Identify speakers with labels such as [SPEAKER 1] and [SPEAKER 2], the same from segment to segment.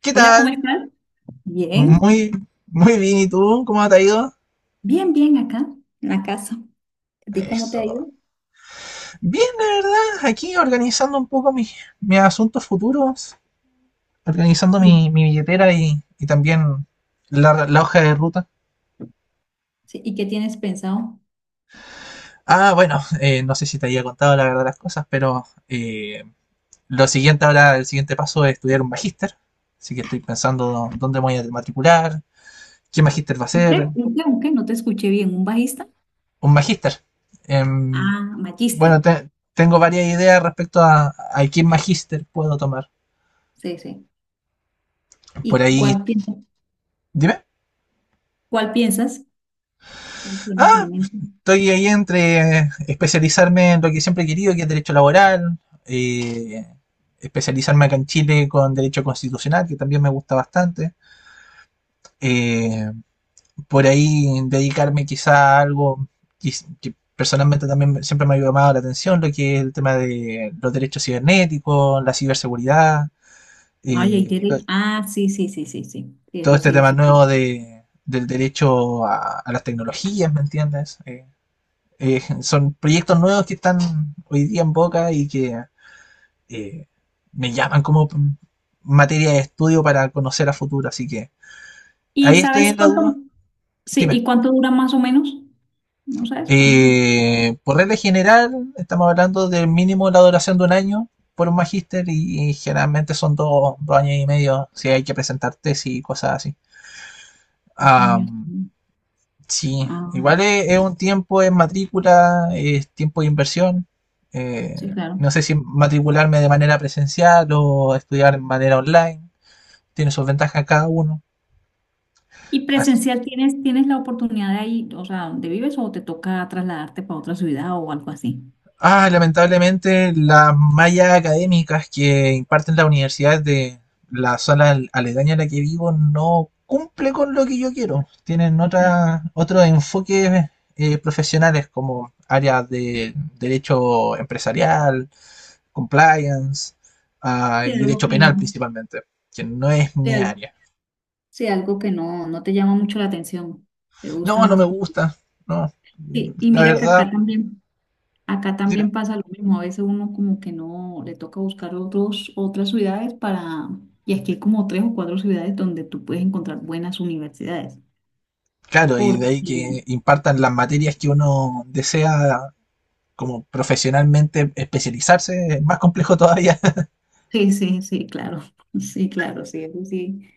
[SPEAKER 1] ¿Qué
[SPEAKER 2] Hola, ¿cómo
[SPEAKER 1] tal?
[SPEAKER 2] estás? Bien,
[SPEAKER 1] Muy, muy bien. ¿Y tú? ¿Cómo te ha ido?
[SPEAKER 2] bien, bien acá, en la casa. ¿A ti cómo te
[SPEAKER 1] Eso.
[SPEAKER 2] ha ido?
[SPEAKER 1] Bien, la verdad, aquí organizando un poco mis asuntos futuros, organizando
[SPEAKER 2] Sí.
[SPEAKER 1] mi billetera y también la hoja de ruta.
[SPEAKER 2] Sí, ¿y qué tienes pensado?
[SPEAKER 1] Ah, bueno, no sé si te había contado la verdad las cosas, pero lo siguiente ahora, el siguiente paso es estudiar un magíster. Así que estoy pensando dónde me voy a matricular, qué magíster va a
[SPEAKER 2] ¿Un qué?
[SPEAKER 1] ser,
[SPEAKER 2] ¿Un qué? ¿Un qué? No te escuché bien. ¿Un bajista?
[SPEAKER 1] un magíster. Em,
[SPEAKER 2] Ah,
[SPEAKER 1] Bueno,
[SPEAKER 2] Magister.
[SPEAKER 1] tengo varias ideas respecto a qué magíster puedo tomar.
[SPEAKER 2] Sí, sí.
[SPEAKER 1] Por
[SPEAKER 2] ¿Y
[SPEAKER 1] ahí,
[SPEAKER 2] cuál piensas?
[SPEAKER 1] dime.
[SPEAKER 2] ¿Cuál piensas? ¿Cuál tienes en
[SPEAKER 1] Ah,
[SPEAKER 2] mente?
[SPEAKER 1] estoy ahí entre especializarme en lo que siempre he querido, que es derecho laboral, eh, especializarme acá en Chile con derecho constitucional, que también me gusta bastante. Eh, por ahí dedicarme quizá a algo que, que personalmente también siempre me ha llamado la atención, lo que es el tema de los derechos cibernéticos, la ciberseguridad
[SPEAKER 2] Ay, hay
[SPEAKER 1] eh,
[SPEAKER 2] derecho. Ah, sí, sí, sí, sí, sí. Sí,
[SPEAKER 1] todo
[SPEAKER 2] eso
[SPEAKER 1] este
[SPEAKER 2] sí,
[SPEAKER 1] tema
[SPEAKER 2] sí.
[SPEAKER 1] nuevo del derecho a las tecnologías, ¿me entiendes? Son proyectos nuevos que están hoy día en boca y que eh, me llaman como materia de estudio para conocer a futuro, así que
[SPEAKER 2] ¿Y
[SPEAKER 1] ahí estoy
[SPEAKER 2] sabes
[SPEAKER 1] en la
[SPEAKER 2] cuánto?
[SPEAKER 1] duda.
[SPEAKER 2] Sí, ¿y
[SPEAKER 1] Dime.
[SPEAKER 2] cuánto dura más o menos? ¿No sabes cuánto?
[SPEAKER 1] Por regla general, estamos hablando del mínimo la duración de un año por un magíster y generalmente son dos años y medio si hay que presentar tesis y cosas así.
[SPEAKER 2] 2 años.
[SPEAKER 1] Am, Sí,
[SPEAKER 2] Ah,
[SPEAKER 1] igual es un tiempo en matrícula, es tiempo de inversión. eh,
[SPEAKER 2] sí, claro.
[SPEAKER 1] no sé si matricularme de manera presencial o estudiar de manera online. Tiene sus ventajas cada uno.
[SPEAKER 2] ¿Y
[SPEAKER 1] Así.
[SPEAKER 2] presencial tienes la oportunidad de ahí, o sea, donde vives o te toca trasladarte para otra ciudad o algo así?
[SPEAKER 1] Ah, lamentablemente las mallas académicas que imparten las universidades de la zona aledaña a la que vivo no cumple con lo que yo quiero. Tienen
[SPEAKER 2] No,
[SPEAKER 1] otros enfoques profesionales como áreas de derecho empresarial, compliance,
[SPEAKER 2] sí,
[SPEAKER 1] y
[SPEAKER 2] algo
[SPEAKER 1] derecho
[SPEAKER 2] que
[SPEAKER 1] penal
[SPEAKER 2] no,
[SPEAKER 1] principalmente, que no es
[SPEAKER 2] sí,
[SPEAKER 1] mi
[SPEAKER 2] algo,
[SPEAKER 1] área.
[SPEAKER 2] sí, algo que no, no te llama mucho la atención, te gusta
[SPEAKER 1] No, no
[SPEAKER 2] más.
[SPEAKER 1] me gusta, no.
[SPEAKER 2] Sí, y
[SPEAKER 1] La
[SPEAKER 2] mira que
[SPEAKER 1] verdad,
[SPEAKER 2] acá también, acá
[SPEAKER 1] dime.
[SPEAKER 2] también pasa lo mismo, a veces uno como que no, le toca buscar otras ciudades para, y aquí hay como tres o cuatro ciudades donde tú puedes encontrar buenas universidades,
[SPEAKER 1] Claro, y de ahí
[SPEAKER 2] porque
[SPEAKER 1] que impartan las materias que uno desea como profesionalmente especializarse, es más complejo todavía.
[SPEAKER 2] sí, sí, sí, claro. Sí, claro, sí, eso sí.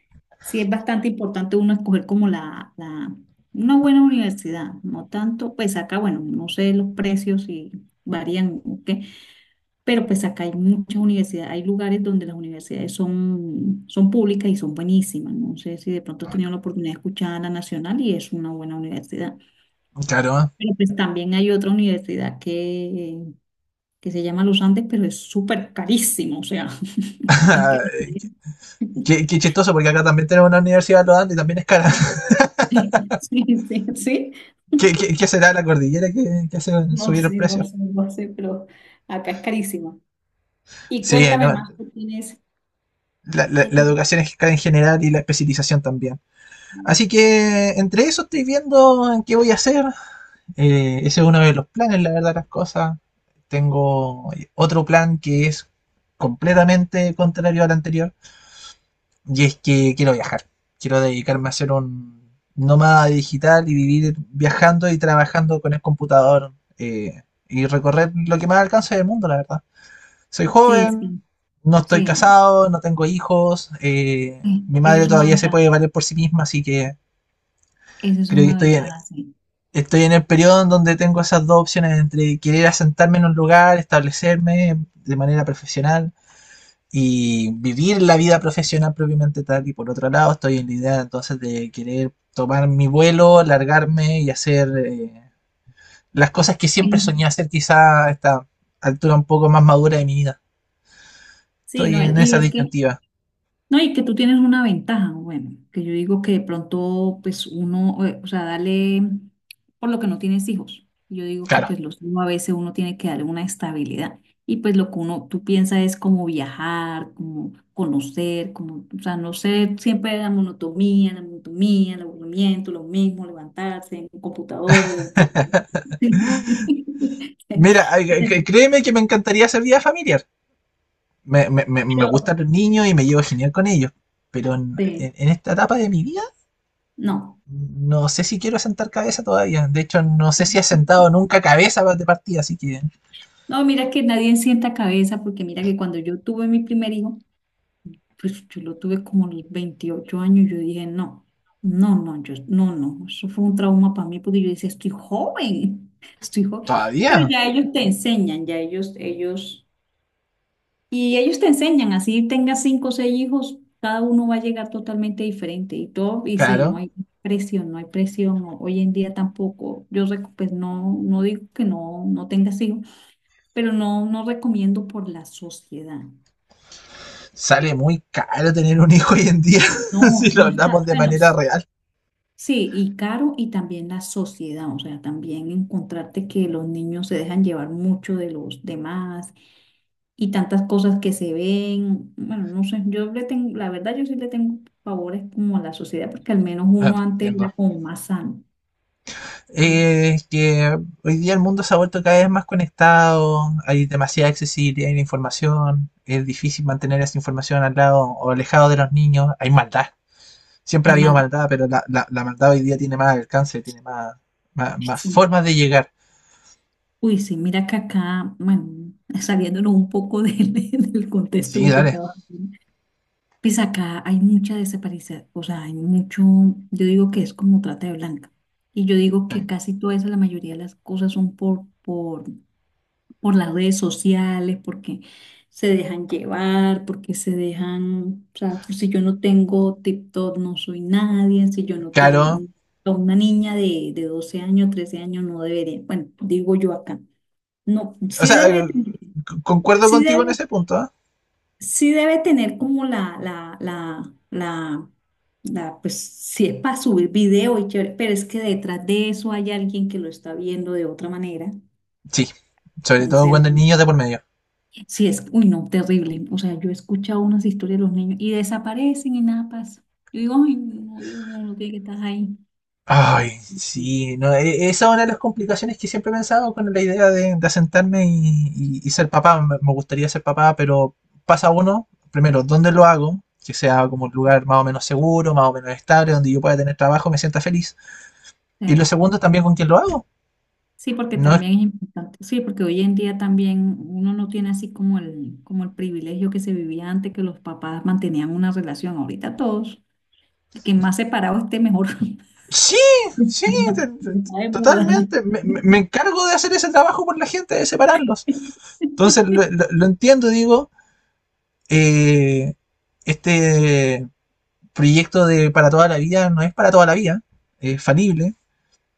[SPEAKER 2] Sí, es bastante importante uno escoger como la, una buena universidad, no tanto, pues acá, bueno, no sé los precios y varían, ¿ok? Pero pues acá hay muchas universidades, hay lugares donde las universidades son, son públicas y son buenísimas. No sé si de pronto has tenido la oportunidad de escuchar a la Nacional y es una buena universidad.
[SPEAKER 1] Claro,
[SPEAKER 2] Pero pues también hay otra universidad que se llama Los Andes, pero es súper carísimo, o sea, es que
[SPEAKER 1] chistoso, porque acá también tenemos una universidad lo dando y también es cara.
[SPEAKER 2] sí, sí, sí, sí.
[SPEAKER 1] ¿Qué será la cordillera hace
[SPEAKER 2] No
[SPEAKER 1] subir el
[SPEAKER 2] sé, no
[SPEAKER 1] precio?
[SPEAKER 2] sé, no sé, pero acá es carísimo. Y
[SPEAKER 1] Sí,
[SPEAKER 2] cuéntame
[SPEAKER 1] no,
[SPEAKER 2] más, ¿qué tienes? ¿Qué
[SPEAKER 1] la
[SPEAKER 2] tienes?
[SPEAKER 1] educación es cara en general y la especialización también. Así que entre eso estoy viendo en qué voy a hacer. Ese es uno de los planes, la verdad, las cosas. Tengo otro plan que es completamente contrario al anterior. Y es que quiero viajar. Quiero dedicarme a ser un nómada digital y vivir viajando y trabajando con el computador. Y recorrer lo que más alcance del mundo, la verdad. Soy
[SPEAKER 2] Sí, es que,
[SPEAKER 1] joven, no estoy
[SPEAKER 2] sí,
[SPEAKER 1] casado, no tengo hijos.
[SPEAKER 2] sí,
[SPEAKER 1] Mi
[SPEAKER 2] eso
[SPEAKER 1] madre
[SPEAKER 2] es una
[SPEAKER 1] todavía se puede
[SPEAKER 2] ventaja,
[SPEAKER 1] valer por sí misma, así que
[SPEAKER 2] eso es
[SPEAKER 1] creo que
[SPEAKER 2] una ventaja, sí.
[SPEAKER 1] estoy en el periodo en donde tengo esas dos opciones entre querer asentarme en un lugar, establecerme de manera profesional y vivir la vida profesional propiamente tal. Y por otro lado, estoy en la idea entonces de querer tomar mi vuelo, largarme y hacer las cosas que siempre soñé
[SPEAKER 2] En-
[SPEAKER 1] hacer quizá a esta altura un poco más madura de mi vida.
[SPEAKER 2] sí,
[SPEAKER 1] Estoy
[SPEAKER 2] no,
[SPEAKER 1] en
[SPEAKER 2] y
[SPEAKER 1] esa
[SPEAKER 2] es que
[SPEAKER 1] disyuntiva.
[SPEAKER 2] no, y que tú tienes una ventaja, bueno, que yo digo que de pronto, pues uno, o sea, dale, por lo que no tienes hijos, yo digo que
[SPEAKER 1] Claro.
[SPEAKER 2] pues los hijos a veces uno tiene que darle una estabilidad y pues lo que uno, tú piensas es como viajar, como conocer, como, o sea, no sé, siempre la monotomía, el aburrimiento, lo mismo, levantarse en un computador, levantarse.
[SPEAKER 1] Mira, créeme que me encantaría hacer vida familiar. Me
[SPEAKER 2] Pero,
[SPEAKER 1] gustan los niños y me llevo genial con ellos. Pero
[SPEAKER 2] sí,
[SPEAKER 1] en esta etapa de mi vida
[SPEAKER 2] no.
[SPEAKER 1] no sé si quiero sentar cabeza todavía. De hecho, no sé si he sentado nunca cabeza de partida, así que
[SPEAKER 2] No, mira que nadie sienta cabeza, porque mira que cuando yo tuve mi primer hijo, pues yo lo tuve como a los 28 años. Yo dije, no, no, no, yo, no, no. Eso fue un trauma para mí, porque yo decía, estoy joven, estoy joven, pero
[SPEAKER 1] todavía,
[SPEAKER 2] ya ellos te enseñan, ya ellos, y ellos te enseñan, así tengas cinco o seis hijos, cada uno va a llegar totalmente diferente, y todo, y sí,
[SPEAKER 1] claro.
[SPEAKER 2] no hay presión, no hay presión. Hoy en día tampoco, yo, pues no, no digo que no, no tengas hijos, pero no, no recomiendo por la sociedad.
[SPEAKER 1] Sale muy caro tener un hijo hoy en día, si
[SPEAKER 2] No,
[SPEAKER 1] lo
[SPEAKER 2] no está,
[SPEAKER 1] hablamos de
[SPEAKER 2] bueno,
[SPEAKER 1] manera real.
[SPEAKER 2] sí, y caro y también la sociedad, o sea, también encontrarte que los niños se dejan llevar mucho de los demás y tantas cosas que se ven, bueno, no sé, yo le tengo, la verdad yo sí le tengo favores como a la sociedad, porque al menos
[SPEAKER 1] No,
[SPEAKER 2] uno antes era
[SPEAKER 1] entiendo.
[SPEAKER 2] como más sano. Mm.
[SPEAKER 1] Que hoy día el mundo se ha vuelto cada vez más conectado, hay demasiada accesibilidad en la información, es difícil mantener esa información al lado o alejado de los niños, hay maldad. Siempre ha
[SPEAKER 2] Hay
[SPEAKER 1] habido
[SPEAKER 2] maldad.
[SPEAKER 1] maldad, pero la maldad hoy día tiene más alcance, tiene más
[SPEAKER 2] Sí.
[SPEAKER 1] formas de llegar.
[SPEAKER 2] Uy, sí, mira que acá, bueno, saliéndonos un poco del, del contexto de
[SPEAKER 1] Sí,
[SPEAKER 2] lo que
[SPEAKER 1] dale.
[SPEAKER 2] estaba haciendo. Pues acá hay mucha desaparición, o sea, hay mucho, yo digo que es como trata de blanca. Y yo digo que casi toda esa, la mayoría de las cosas son por las redes sociales, porque se dejan llevar, porque se dejan, o sea, pues si yo no tengo TikTok no soy nadie, si yo no
[SPEAKER 1] Claro.
[SPEAKER 2] tengo a una niña de 12 años, 13 años no debería, bueno, digo yo acá. No,
[SPEAKER 1] O
[SPEAKER 2] sí
[SPEAKER 1] sea,
[SPEAKER 2] debe,
[SPEAKER 1] concuerdo
[SPEAKER 2] sí,
[SPEAKER 1] contigo en ese punto. ¿Ah?
[SPEAKER 2] sí debe tener como la, pues sí es para subir video y chévere, pero es que detrás de eso hay alguien que lo está viendo de otra manera.
[SPEAKER 1] Sí. Sobre todo
[SPEAKER 2] Entonces,
[SPEAKER 1] cuando el niño de por medio.
[SPEAKER 2] sí es, uy, no, terrible. O sea, yo he escuchado unas historias de los niños y desaparecen y nada pasa. Yo digo, ay, no, Dios mío, uno tiene que estar ahí.
[SPEAKER 1] Ay, sí. No, esa es una de las complicaciones que siempre he pensado con la idea de asentarme y ser papá. Me gustaría ser papá, pero pasa uno, primero, ¿dónde lo hago? Que sea como un lugar más o menos seguro, más o menos estable, donde yo pueda tener trabajo, me sienta feliz. Y lo
[SPEAKER 2] Sí,
[SPEAKER 1] segundo, también con quién lo hago.
[SPEAKER 2] sí, porque
[SPEAKER 1] No.
[SPEAKER 2] también es importante. Sí, porque hoy en día también uno no tiene así como el privilegio que se vivía antes, que los papás mantenían una relación. Ahorita todos, que más separado esté mejor.
[SPEAKER 1] Sí, sí,
[SPEAKER 2] Está de moda.
[SPEAKER 1] totalmente. Me encargo de hacer ese trabajo por la gente, de separarlos. Entonces lo entiendo, digo, eh, este proyecto de para toda la vida no es para toda la vida, es falible.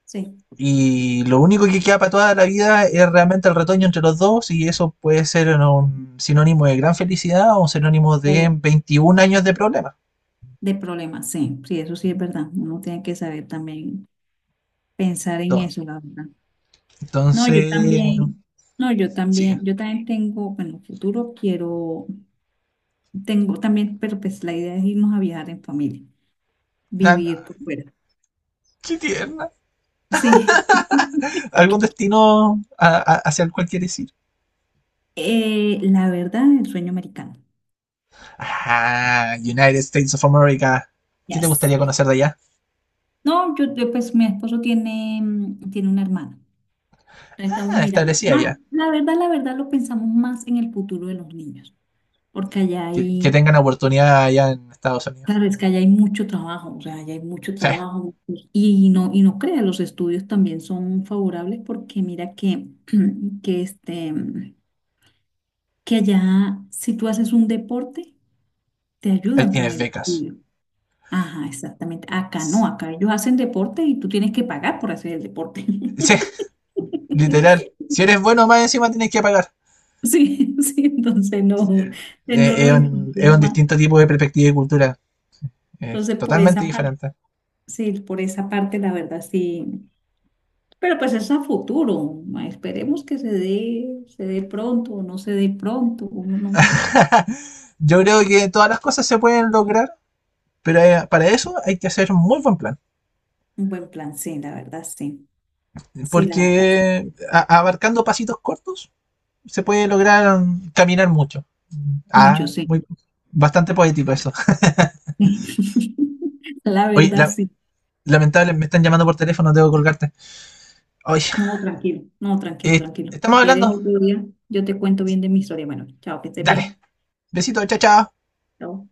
[SPEAKER 2] Sí,
[SPEAKER 1] Y lo único que queda para toda la vida es realmente el retoño entre los dos y eso puede ser un sinónimo de gran felicidad o un sinónimo de
[SPEAKER 2] o
[SPEAKER 1] 21 años de problemas.
[SPEAKER 2] de problemas, sí, sí, eso sí es verdad. Uno tiene que saber también pensar en eso, la verdad. No,
[SPEAKER 1] Entonces,
[SPEAKER 2] yo también, no,
[SPEAKER 1] sí.
[SPEAKER 2] yo también tengo, bueno, futuro quiero, tengo también, pero pues la idea es irnos a viajar en familia,
[SPEAKER 1] Na-
[SPEAKER 2] vivir
[SPEAKER 1] na-
[SPEAKER 2] por fuera.
[SPEAKER 1] Qué tierno.
[SPEAKER 2] Sí.
[SPEAKER 1] Algún destino hacia el cual quieres ir.
[SPEAKER 2] La verdad, el sueño americano.
[SPEAKER 1] Ah, United States of America. ¿Qué te
[SPEAKER 2] Yes.
[SPEAKER 1] gustaría conocer de allá?
[SPEAKER 2] No, yo, pues mi esposo tiene, mm, tiene una hermana. Estamos
[SPEAKER 1] Ah,
[SPEAKER 2] mirando
[SPEAKER 1] establecida
[SPEAKER 2] más,
[SPEAKER 1] allá.
[SPEAKER 2] la verdad lo pensamos más en el futuro de los niños, porque allá
[SPEAKER 1] Que
[SPEAKER 2] hay,
[SPEAKER 1] tengan oportunidad allá en Estados Unidos.
[SPEAKER 2] claro, es que allá hay mucho trabajo, o sea, allá hay mucho
[SPEAKER 1] Sí,
[SPEAKER 2] trabajo y no crea, los estudios también son favorables porque mira que, que este, que allá si tú haces un deporte, te
[SPEAKER 1] ahí
[SPEAKER 2] ayudan con
[SPEAKER 1] tienes
[SPEAKER 2] el
[SPEAKER 1] becas.
[SPEAKER 2] estudio. Ajá, exactamente. Acá no,
[SPEAKER 1] Sí,
[SPEAKER 2] acá ellos hacen deporte y tú tienes que pagar por hacer el deporte.
[SPEAKER 1] sí, literal. Si eres bueno, más encima tienes que pagar.
[SPEAKER 2] Sí, sí, entonces no,
[SPEAKER 1] Eh,
[SPEAKER 2] no
[SPEAKER 1] Es
[SPEAKER 2] los
[SPEAKER 1] es un
[SPEAKER 2] entusiasma.
[SPEAKER 1] distinto tipo de perspectiva y cultura. Es
[SPEAKER 2] Entonces, por
[SPEAKER 1] totalmente
[SPEAKER 2] esa parte,
[SPEAKER 1] diferente.
[SPEAKER 2] sí, por esa parte, la verdad, sí. Pero pues es a futuro. Esperemos que se dé pronto o no se dé pronto. Uno no-
[SPEAKER 1] Yo creo que todas las cosas se pueden lograr, pero para eso hay que hacer un muy buen plan.
[SPEAKER 2] un buen plan, sí, la verdad, sí. Sí, la verdad, sí.
[SPEAKER 1] Porque abarcando pasitos cortos se puede lograr caminar mucho.
[SPEAKER 2] Mucho,
[SPEAKER 1] Ah,
[SPEAKER 2] sí.
[SPEAKER 1] muy, bastante poético eso.
[SPEAKER 2] La
[SPEAKER 1] Oye,
[SPEAKER 2] verdad, sí.
[SPEAKER 1] lamentable, me están llamando por teléfono, debo colgarte. Oye,
[SPEAKER 2] No, tranquilo, no, tranquilo,
[SPEAKER 1] eh,
[SPEAKER 2] tranquilo. Si
[SPEAKER 1] estamos
[SPEAKER 2] ¿quieres
[SPEAKER 1] hablando.
[SPEAKER 2] otro día? Yo te cuento bien de mi historia. Bueno, chao, que estés
[SPEAKER 1] Dale,
[SPEAKER 2] bien.
[SPEAKER 1] besito, chao, chao.
[SPEAKER 2] Chao.